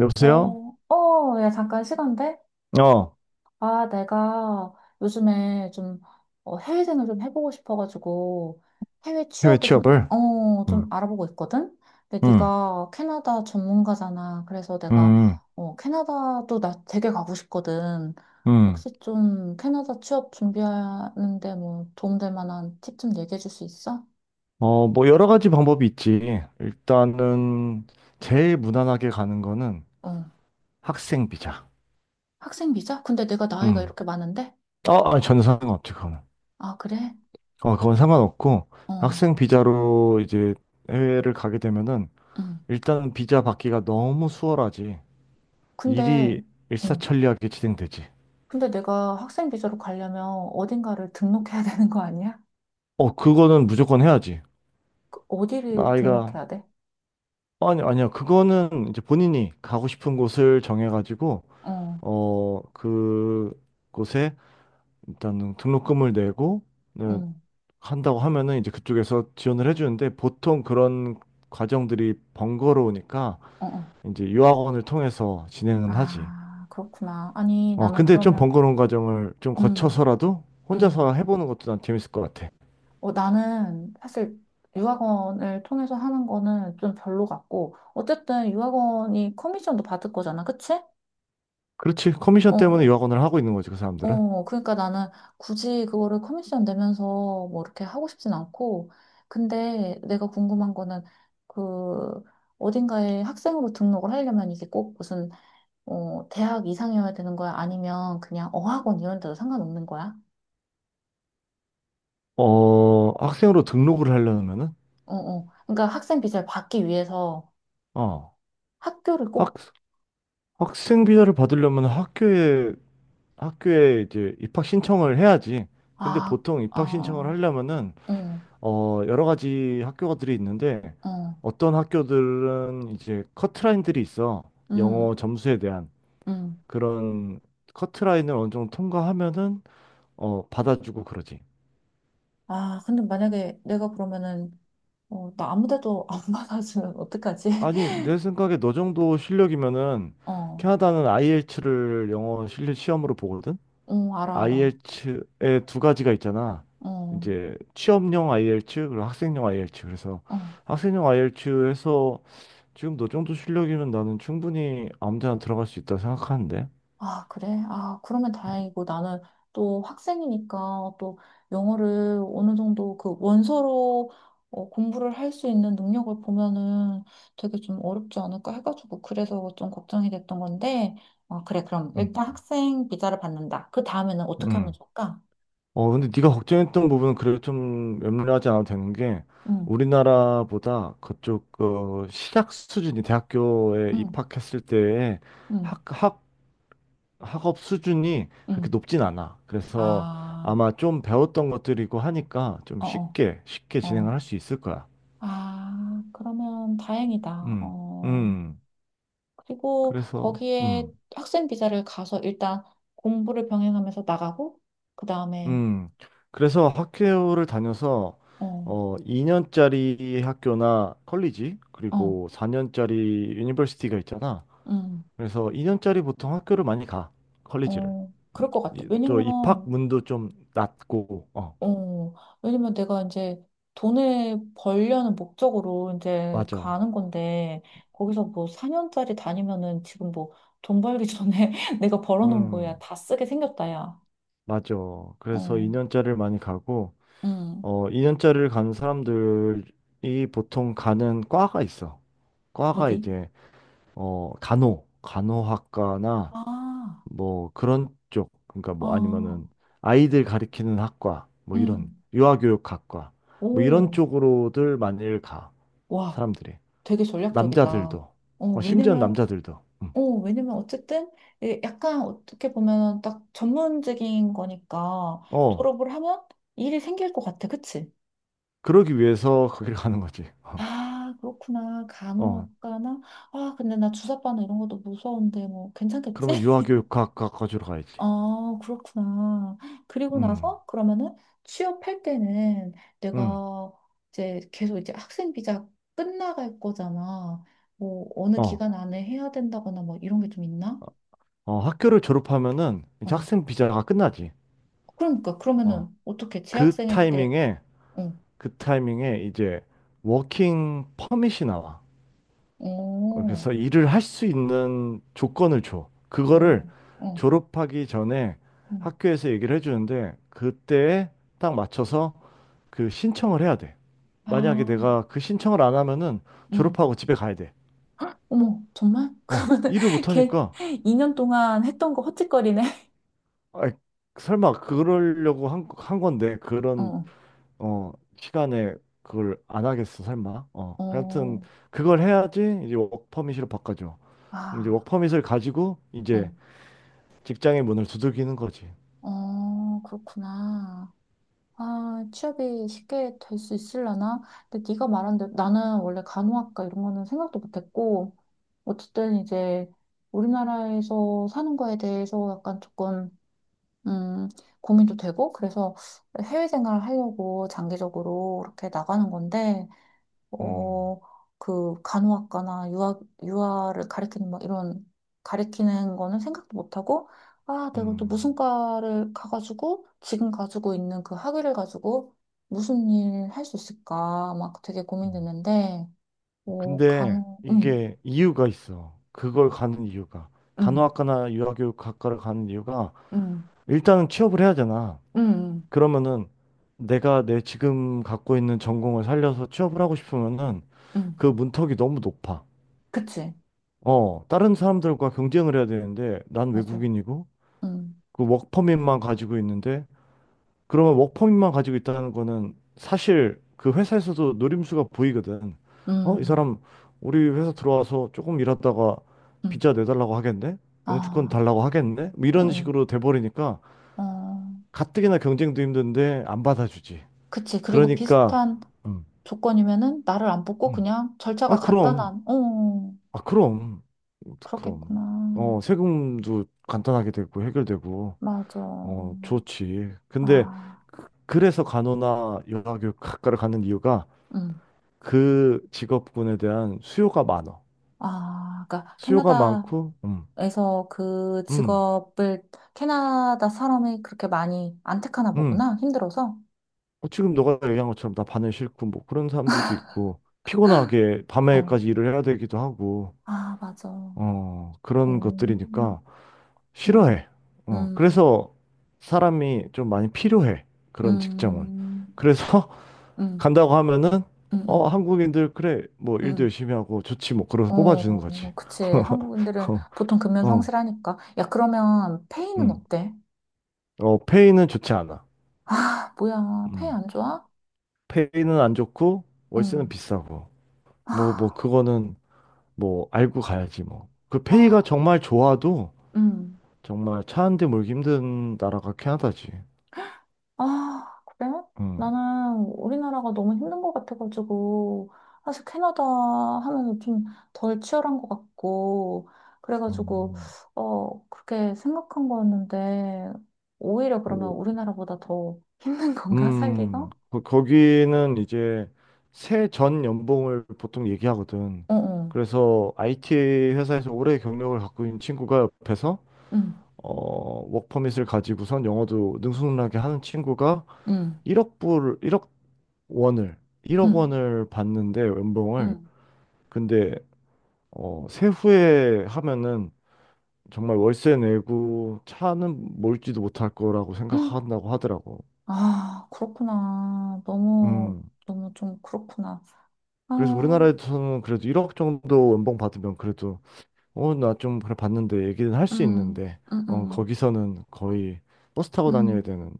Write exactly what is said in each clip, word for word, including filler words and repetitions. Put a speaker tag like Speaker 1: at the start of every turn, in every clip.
Speaker 1: 여보세요?
Speaker 2: 어, 어, 야, 잠깐 시간 돼?
Speaker 1: 어,
Speaker 2: 아, 내가 요즘에 좀 어, 해외생을 좀 해보고 싶어가지고 해외
Speaker 1: 해외
Speaker 2: 취업을 좀,
Speaker 1: 취업을?
Speaker 2: 어, 좀
Speaker 1: 음,
Speaker 2: 알아보고 있거든? 근데
Speaker 1: 음,
Speaker 2: 네가 캐나다 전문가잖아. 그래서 내가
Speaker 1: 음,
Speaker 2: 어, 캐나다도 나 되게 가고 싶거든.
Speaker 1: 음.
Speaker 2: 혹시 좀 캐나다 취업 준비하는데 뭐 도움될 만한 팁 좀 얘기해 줄 수 있어?
Speaker 1: 어, 뭐 여러 가지 방법이 있지. 일단은 제일 무난하게 가는 거는
Speaker 2: 어.
Speaker 1: 학생 비자.
Speaker 2: 학생 비자? 근데 내가 나이가
Speaker 1: 음.
Speaker 2: 이렇게 많은데?
Speaker 1: 어, 아니, 전혀 상관없지, 그거는.
Speaker 2: 아, 그래?
Speaker 1: 어, 그건 상관없고,
Speaker 2: 어.
Speaker 1: 학생 비자로 이제 해외를 가게 되면은
Speaker 2: 응.
Speaker 1: 일단은 비자 받기가 너무 수월하지.
Speaker 2: 근데
Speaker 1: 일이
Speaker 2: 어.
Speaker 1: 일사천리하게 진행되지.
Speaker 2: 근데 내가 학생 비자로 가려면 어딘가를 등록해야 되는 거 아니야?
Speaker 1: 어, 그거는 무조건 해야지.
Speaker 2: 그 어디를
Speaker 1: 나이가
Speaker 2: 등록해야 돼?
Speaker 1: 아니, 아니요. 그거는 이제 본인이 가고 싶은 곳을 정해가지고,
Speaker 2: 어,
Speaker 1: 어, 그 곳에 일단은 등록금을 내고, 네,
Speaker 2: 응,
Speaker 1: 한다고 하면은 이제 그쪽에서 지원을 해주는데, 보통 그런 과정들이 번거로우니까,
Speaker 2: 어, 어.
Speaker 1: 이제 유학원을 통해서 진행은 하지.
Speaker 2: 아, 그렇구나. 아니,
Speaker 1: 어,
Speaker 2: 나는
Speaker 1: 근데 좀
Speaker 2: 그러면,
Speaker 1: 번거로운 과정을 좀
Speaker 2: 음,
Speaker 1: 거쳐서라도
Speaker 2: 음.
Speaker 1: 혼자서 해보는 것도 난 재밌을 것 같아.
Speaker 2: 어, 나는 사실 유학원을 통해서 하는 거는 좀 별로 같고, 어쨌든 유학원이 커미션도 받을 거잖아, 그치?
Speaker 1: 그렇지.
Speaker 2: 어,
Speaker 1: 커미션 때문에
Speaker 2: 어.
Speaker 1: 유학원을 하고 있는 거지, 그 사람들은.
Speaker 2: 어, 그러니까 나는 굳이 그거를 커미션 내면서 뭐 이렇게 하고 싶진 않고, 근데 내가 궁금한 거는 그 어딘가에 학생으로 등록을 하려면 이게 꼭 무슨 어, 대학 이상이어야 되는 거야? 아니면 그냥 어학원 이런 데도 상관없는 거야?
Speaker 1: 어, 학생으로 등록을 하려면은,
Speaker 2: 어, 어. 그러니까 학생 비자를 받기 위해서
Speaker 1: 어.
Speaker 2: 학교를
Speaker 1: 학,
Speaker 2: 꼭,
Speaker 1: 학생 비자를 받으려면 학교에 학교에 이제 입학 신청을 해야지. 근데
Speaker 2: 아,
Speaker 1: 보통 입학 신청을
Speaker 2: 아,
Speaker 1: 하려면은
Speaker 2: 어,
Speaker 1: 어 여러 가지 학교들이 있는데
Speaker 2: 어,
Speaker 1: 어떤 학교들은 이제 커트라인들이 있어. 영어
Speaker 2: 음,
Speaker 1: 점수에 대한
Speaker 2: 음.
Speaker 1: 그런 커트라인을 어느 정도 통과하면은 어 받아주고 그러지.
Speaker 2: 아, 근데 만약에 내가 그러면은, 어, 나 아무 데도 안 받아주면 어떡하지?
Speaker 1: 아니, 내 생각에 너 정도 실력이면은
Speaker 2: 어.
Speaker 1: 캐나다는 아이엘츠를 영어 실력 시험으로 보거든.
Speaker 2: 어, 알아,
Speaker 1: i e
Speaker 2: 알아.
Speaker 1: l t 의에두 가지가 있잖아.
Speaker 2: 어,
Speaker 1: 이제 취업용 아이이엘티 그리고 학생용 아이이엘티 그래서
Speaker 2: 어.
Speaker 1: 학생용 아이이엘티 에서 지금 너 정도 실력이면 나는 충분히 아무 데나 들어갈 수 있다 생각하는데.
Speaker 2: 아, 그래? 아, 그러면 다행이고 나는 또 학생이니까 또 영어를 어느 정도 그 원서로 어, 공부를 할 수 있는 능력을 보면은 되게 좀 어렵지 않을까 해가지고 그래서 좀 걱정이 됐던 건데, 어, 그래, 그럼
Speaker 1: 음,
Speaker 2: 일단 학생 비자를 받는다. 그 다음에는 어떻게 하면
Speaker 1: 음.
Speaker 2: 좋을까?
Speaker 1: 어, 근데 네가 걱정했던 부분은 그래도 좀 염려하지 않아도 되는 게
Speaker 2: 응,
Speaker 1: 우리나라보다 그쪽 어, 시작 수준이 대학교에
Speaker 2: 응,
Speaker 1: 입학했을 때의
Speaker 2: 응,
Speaker 1: 학, 학 학업 수준이 그렇게
Speaker 2: 응.
Speaker 1: 높진 않아. 그래서
Speaker 2: 아,
Speaker 1: 아마 좀 배웠던 것들이고 하니까 좀
Speaker 2: 어, 어,
Speaker 1: 쉽게, 쉽게 진행을
Speaker 2: 어.
Speaker 1: 할 수 있을 거야.
Speaker 2: 아, 그러면 다행이다.
Speaker 1: 음,
Speaker 2: 어.
Speaker 1: 음.
Speaker 2: 그리고
Speaker 1: 그래서,
Speaker 2: 거기에
Speaker 1: 음,
Speaker 2: 학생 비자를 가서 일단 공부를 병행하면서 나가고, 그 다음에,
Speaker 1: 음. 그래서 학교를 다녀서,
Speaker 2: 어,
Speaker 1: 어, 이 년짜리 학교나 컬리지,
Speaker 2: 어,
Speaker 1: 그리고 사 년짜리 유니버시티가 있잖아.
Speaker 2: 음,
Speaker 1: 그래서 이 년짜리 보통 학교를 많이 가, 컬리지를.
Speaker 2: 어, 그럴 것 같아.
Speaker 1: 이- 또
Speaker 2: 왜냐면,
Speaker 1: 입학문도 좀 낮고, 어.
Speaker 2: 어, 왜냐면 내가 이제 돈을 벌려는 목적으로 이제
Speaker 1: 맞아.
Speaker 2: 가는 건데, 거기서 뭐 사 년짜리 다니면은 지금 뭐 돈 벌기 전에 내가 벌어놓은 거야.
Speaker 1: 음.
Speaker 2: 다 쓰게 생겼다, 야.
Speaker 1: 맞죠. 그래서
Speaker 2: 어,
Speaker 1: 이 년짜리를 많이 가고,
Speaker 2: 음,
Speaker 1: 어, 이 년짜리를 가는 사람들이 보통 가는 과가 있어. 과가
Speaker 2: 어디?
Speaker 1: 이제, 어, 간호, 간호학과나
Speaker 2: 아,
Speaker 1: 뭐 그런 쪽, 그러니까
Speaker 2: 아,
Speaker 1: 뭐 아니면은 아이들 가리키는 학과, 뭐 이런,
Speaker 2: 음,
Speaker 1: 유아교육학과, 뭐 이런
Speaker 2: 오,
Speaker 1: 쪽으로들 많이 가,
Speaker 2: 와.
Speaker 1: 사람들이.
Speaker 2: 되게 전략적이다.
Speaker 1: 남자들도,
Speaker 2: 어,
Speaker 1: 어, 심지어
Speaker 2: 왜냐면,
Speaker 1: 남자들도. 음.
Speaker 2: 어, 왜냐면 어쨌든 예, 약간 어떻게 보면 딱 전문직인 거니까
Speaker 1: 어,
Speaker 2: 졸업을 하면 일이 생길 것 같아. 그치?
Speaker 1: 그러기 위해서 거기를 가는 거지.
Speaker 2: 아, 그렇구나.
Speaker 1: 어, 어,
Speaker 2: 간호학과나? 아, 근데 나 주사바나 이런 것도 무서운데 뭐 괜찮겠지?
Speaker 1: 그러면 유아교육학과 가주러 가야지.
Speaker 2: 아, 그렇구나. 그리고
Speaker 1: 음.
Speaker 2: 나서 그러면은 취업할 때는
Speaker 1: 응.
Speaker 2: 내가 이제 계속 이제 학생 비자 끝나갈 거잖아. 뭐 어느
Speaker 1: 어,
Speaker 2: 기간 안에 해야 된다거나 뭐 이런 게 좀 있나?
Speaker 1: 어, 학교를 졸업하면은 이제
Speaker 2: 어,
Speaker 1: 학생 비자가 끝나지.
Speaker 2: 그러니까
Speaker 1: 어,
Speaker 2: 그러면은 어떻게
Speaker 1: 그
Speaker 2: 재학생일 때,
Speaker 1: 타이밍에,
Speaker 2: 어,
Speaker 1: 그 타이밍에 이제 워킹 퍼밋이 나와. 어,
Speaker 2: 어,
Speaker 1: 그래서 일을 할 수 있는 조건을 줘.
Speaker 2: 어,
Speaker 1: 그거를
Speaker 2: 어,
Speaker 1: 졸업하기 전에
Speaker 2: 음.
Speaker 1: 학교에서 얘기를 해주는데 그때에 딱 맞춰서 그 신청을 해야 돼.
Speaker 2: 아,
Speaker 1: 만약에 내가 그 신청을 안 하면은
Speaker 2: 음,
Speaker 1: 졸업하고 집에 가야 돼.
Speaker 2: 어머, 정말?
Speaker 1: 어,
Speaker 2: 그러면은
Speaker 1: 일을 못
Speaker 2: 걔
Speaker 1: 하니까.
Speaker 2: 이 년 동안 했던 거 헛짓거리네.
Speaker 1: 아, 설마 그러려고 한, 한 건데 그런
Speaker 2: 어,
Speaker 1: 어, 시간에 그걸 안 하겠어, 설마. 어, 아무튼
Speaker 2: 어,
Speaker 1: 그걸 해야지 이제 워크퍼밋으로 바꿔줘. 그럼 이제
Speaker 2: 아,
Speaker 1: 워크퍼밋을 가지고 이제
Speaker 2: 어,
Speaker 1: 직장의 문을 두들기는 거지.
Speaker 2: 어, 그렇구나. 아, 취업이 쉽게 될 수 있으려나? 근데 네가 말한 대로 나는 원래 간호학과 이런 거는 생각도 못했고, 어쨌든 이제 우리나라에서 사는 거에 대해서 약간 조금 음, 고민도 되고, 그래서 해외 생활을 하려고 장기적으로 이렇게 나가는 건데,
Speaker 1: 음,
Speaker 2: 어, 그 간호학과나 유아, 유아를 가르키는 뭐 이런, 가르키는 거는 생각도 못하고, 아, 내가 또
Speaker 1: 음,
Speaker 2: 무슨 과를 가가지고, 지금 가지고 있는 그 학위를 가지고 무슨 일 할 수 있을까, 막 되게
Speaker 1: 음.
Speaker 2: 고민됐는데, 어,
Speaker 1: 근데
Speaker 2: 간호, 음,
Speaker 1: 이게 이유가 있어. 그걸 가는 이유가.
Speaker 2: 음,
Speaker 1: 간호학과나 유아교육학과를 가는 이유가
Speaker 2: 음,
Speaker 1: 일단은 취업을 해야 되나.
Speaker 2: 음,
Speaker 1: 그러면은 내가 내 지금 갖고 있는 전공을 살려서 취업을 하고 싶으면은
Speaker 2: 음, 음.
Speaker 1: 그 문턱이 너무 높아.
Speaker 2: 그치,
Speaker 1: 어, 다른 사람들과 경쟁을 해야 되는데 난
Speaker 2: 맞아,
Speaker 1: 외국인이고
Speaker 2: 음,
Speaker 1: 그 워크퍼밋만 가지고 있는데 그러면 워크퍼밋만 가지고 있다는 거는 사실 그 회사에서도 노림수가 보이거든. 어, 이
Speaker 2: 음,
Speaker 1: 사람 우리 회사 들어와서 조금 일하다가
Speaker 2: 음.
Speaker 1: 비자 내달라고 하겠네? 영주권
Speaker 2: 아.
Speaker 1: 달라고 하겠네? 뭐 이런
Speaker 2: 응,
Speaker 1: 식으로 돼버리니까
Speaker 2: 응. 어,
Speaker 1: 가뜩이나 경쟁도 힘든데 안 받아주지.
Speaker 2: 그치. 그리고
Speaker 1: 그러니까
Speaker 2: 비슷한
Speaker 1: 음,
Speaker 2: 조건이면은 나를 안 뽑고
Speaker 1: 음.
Speaker 2: 그냥 절차가
Speaker 1: 아, 그럼.
Speaker 2: 간단한, 어,
Speaker 1: 아, 그럼. 그럼.
Speaker 2: 그렇겠구나.
Speaker 1: 어, 세금도 간단하게 되고 해결되고
Speaker 2: 맞아.
Speaker 1: 어, 좋지. 근데
Speaker 2: 아,
Speaker 1: 그- 그래서 간호나 요양교육학과를 가는 이유가
Speaker 2: 응.
Speaker 1: 그 직업군에 대한 수요가 많어.
Speaker 2: 아, 그러니까
Speaker 1: 수요가
Speaker 2: 캐나다에서
Speaker 1: 많고, 음,
Speaker 2: 그
Speaker 1: 음,
Speaker 2: 직업을 캐나다 사람이 그렇게 많이 안 택하나
Speaker 1: 음.
Speaker 2: 보구나. 힘들어서.
Speaker 1: 어, 지금 너가 얘기한 것처럼 나 반에 싫고 뭐 그런 사람들도 있고 피곤하게
Speaker 2: 어.
Speaker 1: 밤에까지 일을 해야 되기도 하고
Speaker 2: 아, 맞아.
Speaker 1: 어, 그런
Speaker 2: 음,
Speaker 1: 것들이니까
Speaker 2: 그렇구나.
Speaker 1: 싫어해. 어,
Speaker 2: 음,
Speaker 1: 그래서 사람이 좀 많이 필요해. 그런 직장은.
Speaker 2: 음,
Speaker 1: 그래서
Speaker 2: 음,
Speaker 1: 간다고 하면은
Speaker 2: 음,
Speaker 1: 어
Speaker 2: 음,
Speaker 1: 한국인들 그래 뭐 일도
Speaker 2: 음.
Speaker 1: 열심히 하고 좋지 뭐 그러면서 뽑아주는 거지.
Speaker 2: 어, 그치. 한국인들은
Speaker 1: 어,
Speaker 2: 보통 금연
Speaker 1: 어,
Speaker 2: 성실하니까. 야, 그러면 페이는
Speaker 1: 음.
Speaker 2: 어때?
Speaker 1: 어, 페이는 좋지 않아.
Speaker 2: 아, 뭐야. 페이
Speaker 1: 음.
Speaker 2: 안 좋아?
Speaker 1: 페이는 안 좋고 월세는
Speaker 2: 응.
Speaker 1: 비싸고 뭐 뭐 그거는 뭐 알고 가야지 뭐. 그 페이가
Speaker 2: 아,
Speaker 1: 정말 좋아도
Speaker 2: 음.
Speaker 1: 정말 차 한 대 몰기 힘든 나라가 캐나다지.
Speaker 2: 아, 그래?
Speaker 1: 음.
Speaker 2: 나는 우리나라가 너무 힘든 것 같아가지고, 사실 캐나다 하면 좀 덜 치열한 것 같고, 그래가지고,
Speaker 1: 음.
Speaker 2: 어, 그렇게 생각한 거였는데, 오히려 그러면 우리나라보다 더 힘든 건가, 살기가?
Speaker 1: 음, 거- 거기는 이제 새 전 연봉을 보통 얘기하거든.
Speaker 2: 어, 어.
Speaker 1: 그래서 아이티 회사에서 오래 경력을 갖고 있는 친구가 옆에서
Speaker 2: 응,
Speaker 1: 어, 워크퍼밋을 가지고선 영어도 능수능란하게 하는 친구가
Speaker 2: 응,
Speaker 1: 일억 불, 일억 원을, 일억
Speaker 2: 응,
Speaker 1: 원을 받는데 연봉을.
Speaker 2: 응.
Speaker 1: 근데 어, 세후에 하면은 정말 월세 내고 차는 몰지도 못할 거라고
Speaker 2: 헉,
Speaker 1: 생각한다고 하더라고.
Speaker 2: 아, 그렇구나. 너무,
Speaker 1: 음.
Speaker 2: 너무 좀 그렇구나.
Speaker 1: 그래서
Speaker 2: 아,
Speaker 1: 우리나라에서는 그래도 일억 정도 연봉 받으면 그래도 어, 나 좀 그래 봤는데 얘기는 할 수
Speaker 2: 음,
Speaker 1: 있는데
Speaker 2: 음,
Speaker 1: 어,
Speaker 2: 음,
Speaker 1: 거기서는 거의 버스 타고 다녀야
Speaker 2: 음.
Speaker 1: 되는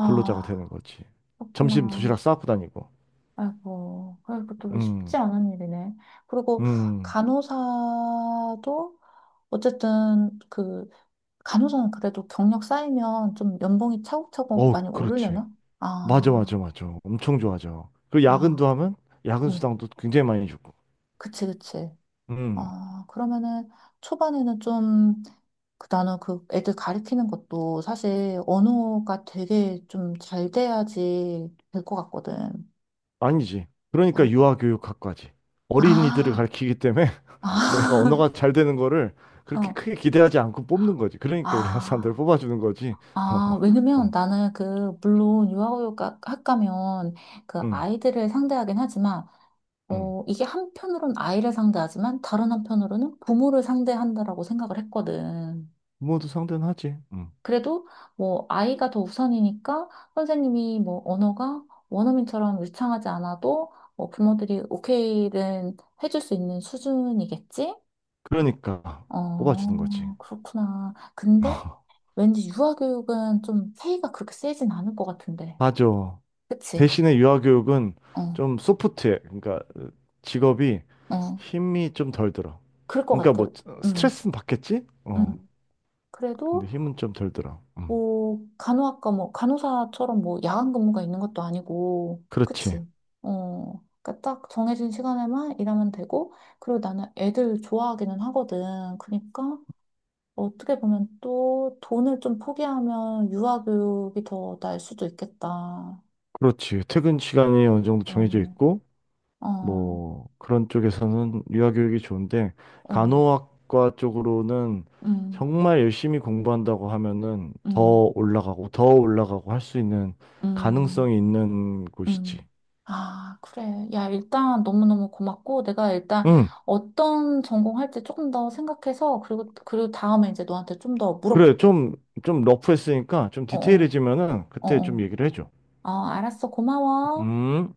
Speaker 1: 근로자가 되는 거지. 점심
Speaker 2: 그렇구나.
Speaker 1: 도시락 싸고 다니고.
Speaker 2: 아이고, 아이고, 또 쉽지
Speaker 1: 음.
Speaker 2: 않은 일이네. 그리고
Speaker 1: 음.
Speaker 2: 간호사도 어쨌든 그, 간호사는 그래도 경력 쌓이면 좀 연봉이 차곡차곡
Speaker 1: 어,
Speaker 2: 많이
Speaker 1: 그렇지.
Speaker 2: 오르려나?
Speaker 1: 맞아 맞아
Speaker 2: 아,
Speaker 1: 맞아. 엄청 좋아져. 그리고
Speaker 2: 아,
Speaker 1: 야근도 하면 야근
Speaker 2: 음,
Speaker 1: 수당도 굉장히 많이 주고.
Speaker 2: 그치, 그치.
Speaker 1: 음.
Speaker 2: 아, 그러면은 초반에는 좀, 그 나는 그 애들 가르치는 것도 사실 언어가 되게 좀 잘 돼야지 될 것 같거든.
Speaker 1: 아니지. 그러니까
Speaker 2: 아닌가?
Speaker 1: 유아교육학과지. 어린이들을
Speaker 2: 아,
Speaker 1: 가르치기 때문에 내가 언어가 잘 되는 거를
Speaker 2: 아,
Speaker 1: 그렇게
Speaker 2: 어,
Speaker 1: 크게 기대하지 않고 뽑는 거지. 그러니까 우리나라 사람들을
Speaker 2: 아,
Speaker 1: 뽑아주는 거지. 어,
Speaker 2: 아, 왜냐면
Speaker 1: 어,
Speaker 2: 나는 그, 물론 유아교육 학과면 그
Speaker 1: 응,
Speaker 2: 아이들을 상대하긴 하지만,
Speaker 1: 응.
Speaker 2: 어, 이게 한편으로는 아이를 상대하지만 다른 한편으로는 부모를 상대한다라고 생각을 했거든.
Speaker 1: 모두 상대는 하지. 응.
Speaker 2: 그래도 뭐 아이가 더 우선이니까 선생님이 뭐 언어가 원어민처럼 유창하지 않아도 뭐 부모들이 오케이는 해줄 수 있는 수준이겠지?
Speaker 1: 그러니까 뽑아주는 거지.
Speaker 2: 어, 그렇구나. 근데 왠지 유아교육은 좀 페이가 그렇게 세진 않을 것 같은데.
Speaker 1: 맞아.
Speaker 2: 그치?
Speaker 1: 대신에 유아교육은
Speaker 2: 어,
Speaker 1: 좀 소프트해. 그러니까 직업이
Speaker 2: 어.
Speaker 1: 힘이 좀 덜 들어.
Speaker 2: 그럴 것
Speaker 1: 그러니까 뭐
Speaker 2: 같아. 음,
Speaker 1: 스트레스는 받겠지? 어.
Speaker 2: 음.
Speaker 1: 근데
Speaker 2: 그래도
Speaker 1: 힘은 좀 덜 들어. 음.
Speaker 2: 뭐, 간호학과 뭐, 간호사처럼 뭐, 야간 근무가 있는 것도 아니고,
Speaker 1: 그렇지.
Speaker 2: 그치? 어, 그러니까 딱 정해진 시간에만 일하면 되고, 그리고 나는 애들 좋아하기는 하거든. 그러니까, 어떻게 보면 또 돈을 좀 포기하면 유아교육이 더 나을 수도 있겠다. 어,
Speaker 1: 그렇지. 퇴근 시간이 어느 정도 정해져 있고
Speaker 2: 어,
Speaker 1: 뭐 그런 쪽에서는 유아 교육이 좋은데
Speaker 2: 어,
Speaker 1: 간호학과 쪽으로는
Speaker 2: 음,
Speaker 1: 정말 열심히 공부한다고 하면은 더
Speaker 2: 음,
Speaker 1: 올라가고 더 올라가고 할 수 있는
Speaker 2: 음. 음.
Speaker 1: 가능성이 있는 곳이지.
Speaker 2: 음. 아, 그래. 야, 일단 너무너무 고맙고, 내가 일단
Speaker 1: 응,
Speaker 2: 어떤 전공할지 조금 더 생각해서, 그리고, 그리고 다음에 이제 너한테 좀 더
Speaker 1: 그래.
Speaker 2: 물어볼게.
Speaker 1: 좀, 좀 러프했으니까 좀
Speaker 2: 어어,
Speaker 1: 디테일해지면은
Speaker 2: 어어.
Speaker 1: 그때
Speaker 2: 어,
Speaker 1: 좀
Speaker 2: 어.
Speaker 1: 얘기를 해줘.
Speaker 2: 아, 알았어. 고마워.
Speaker 1: 음.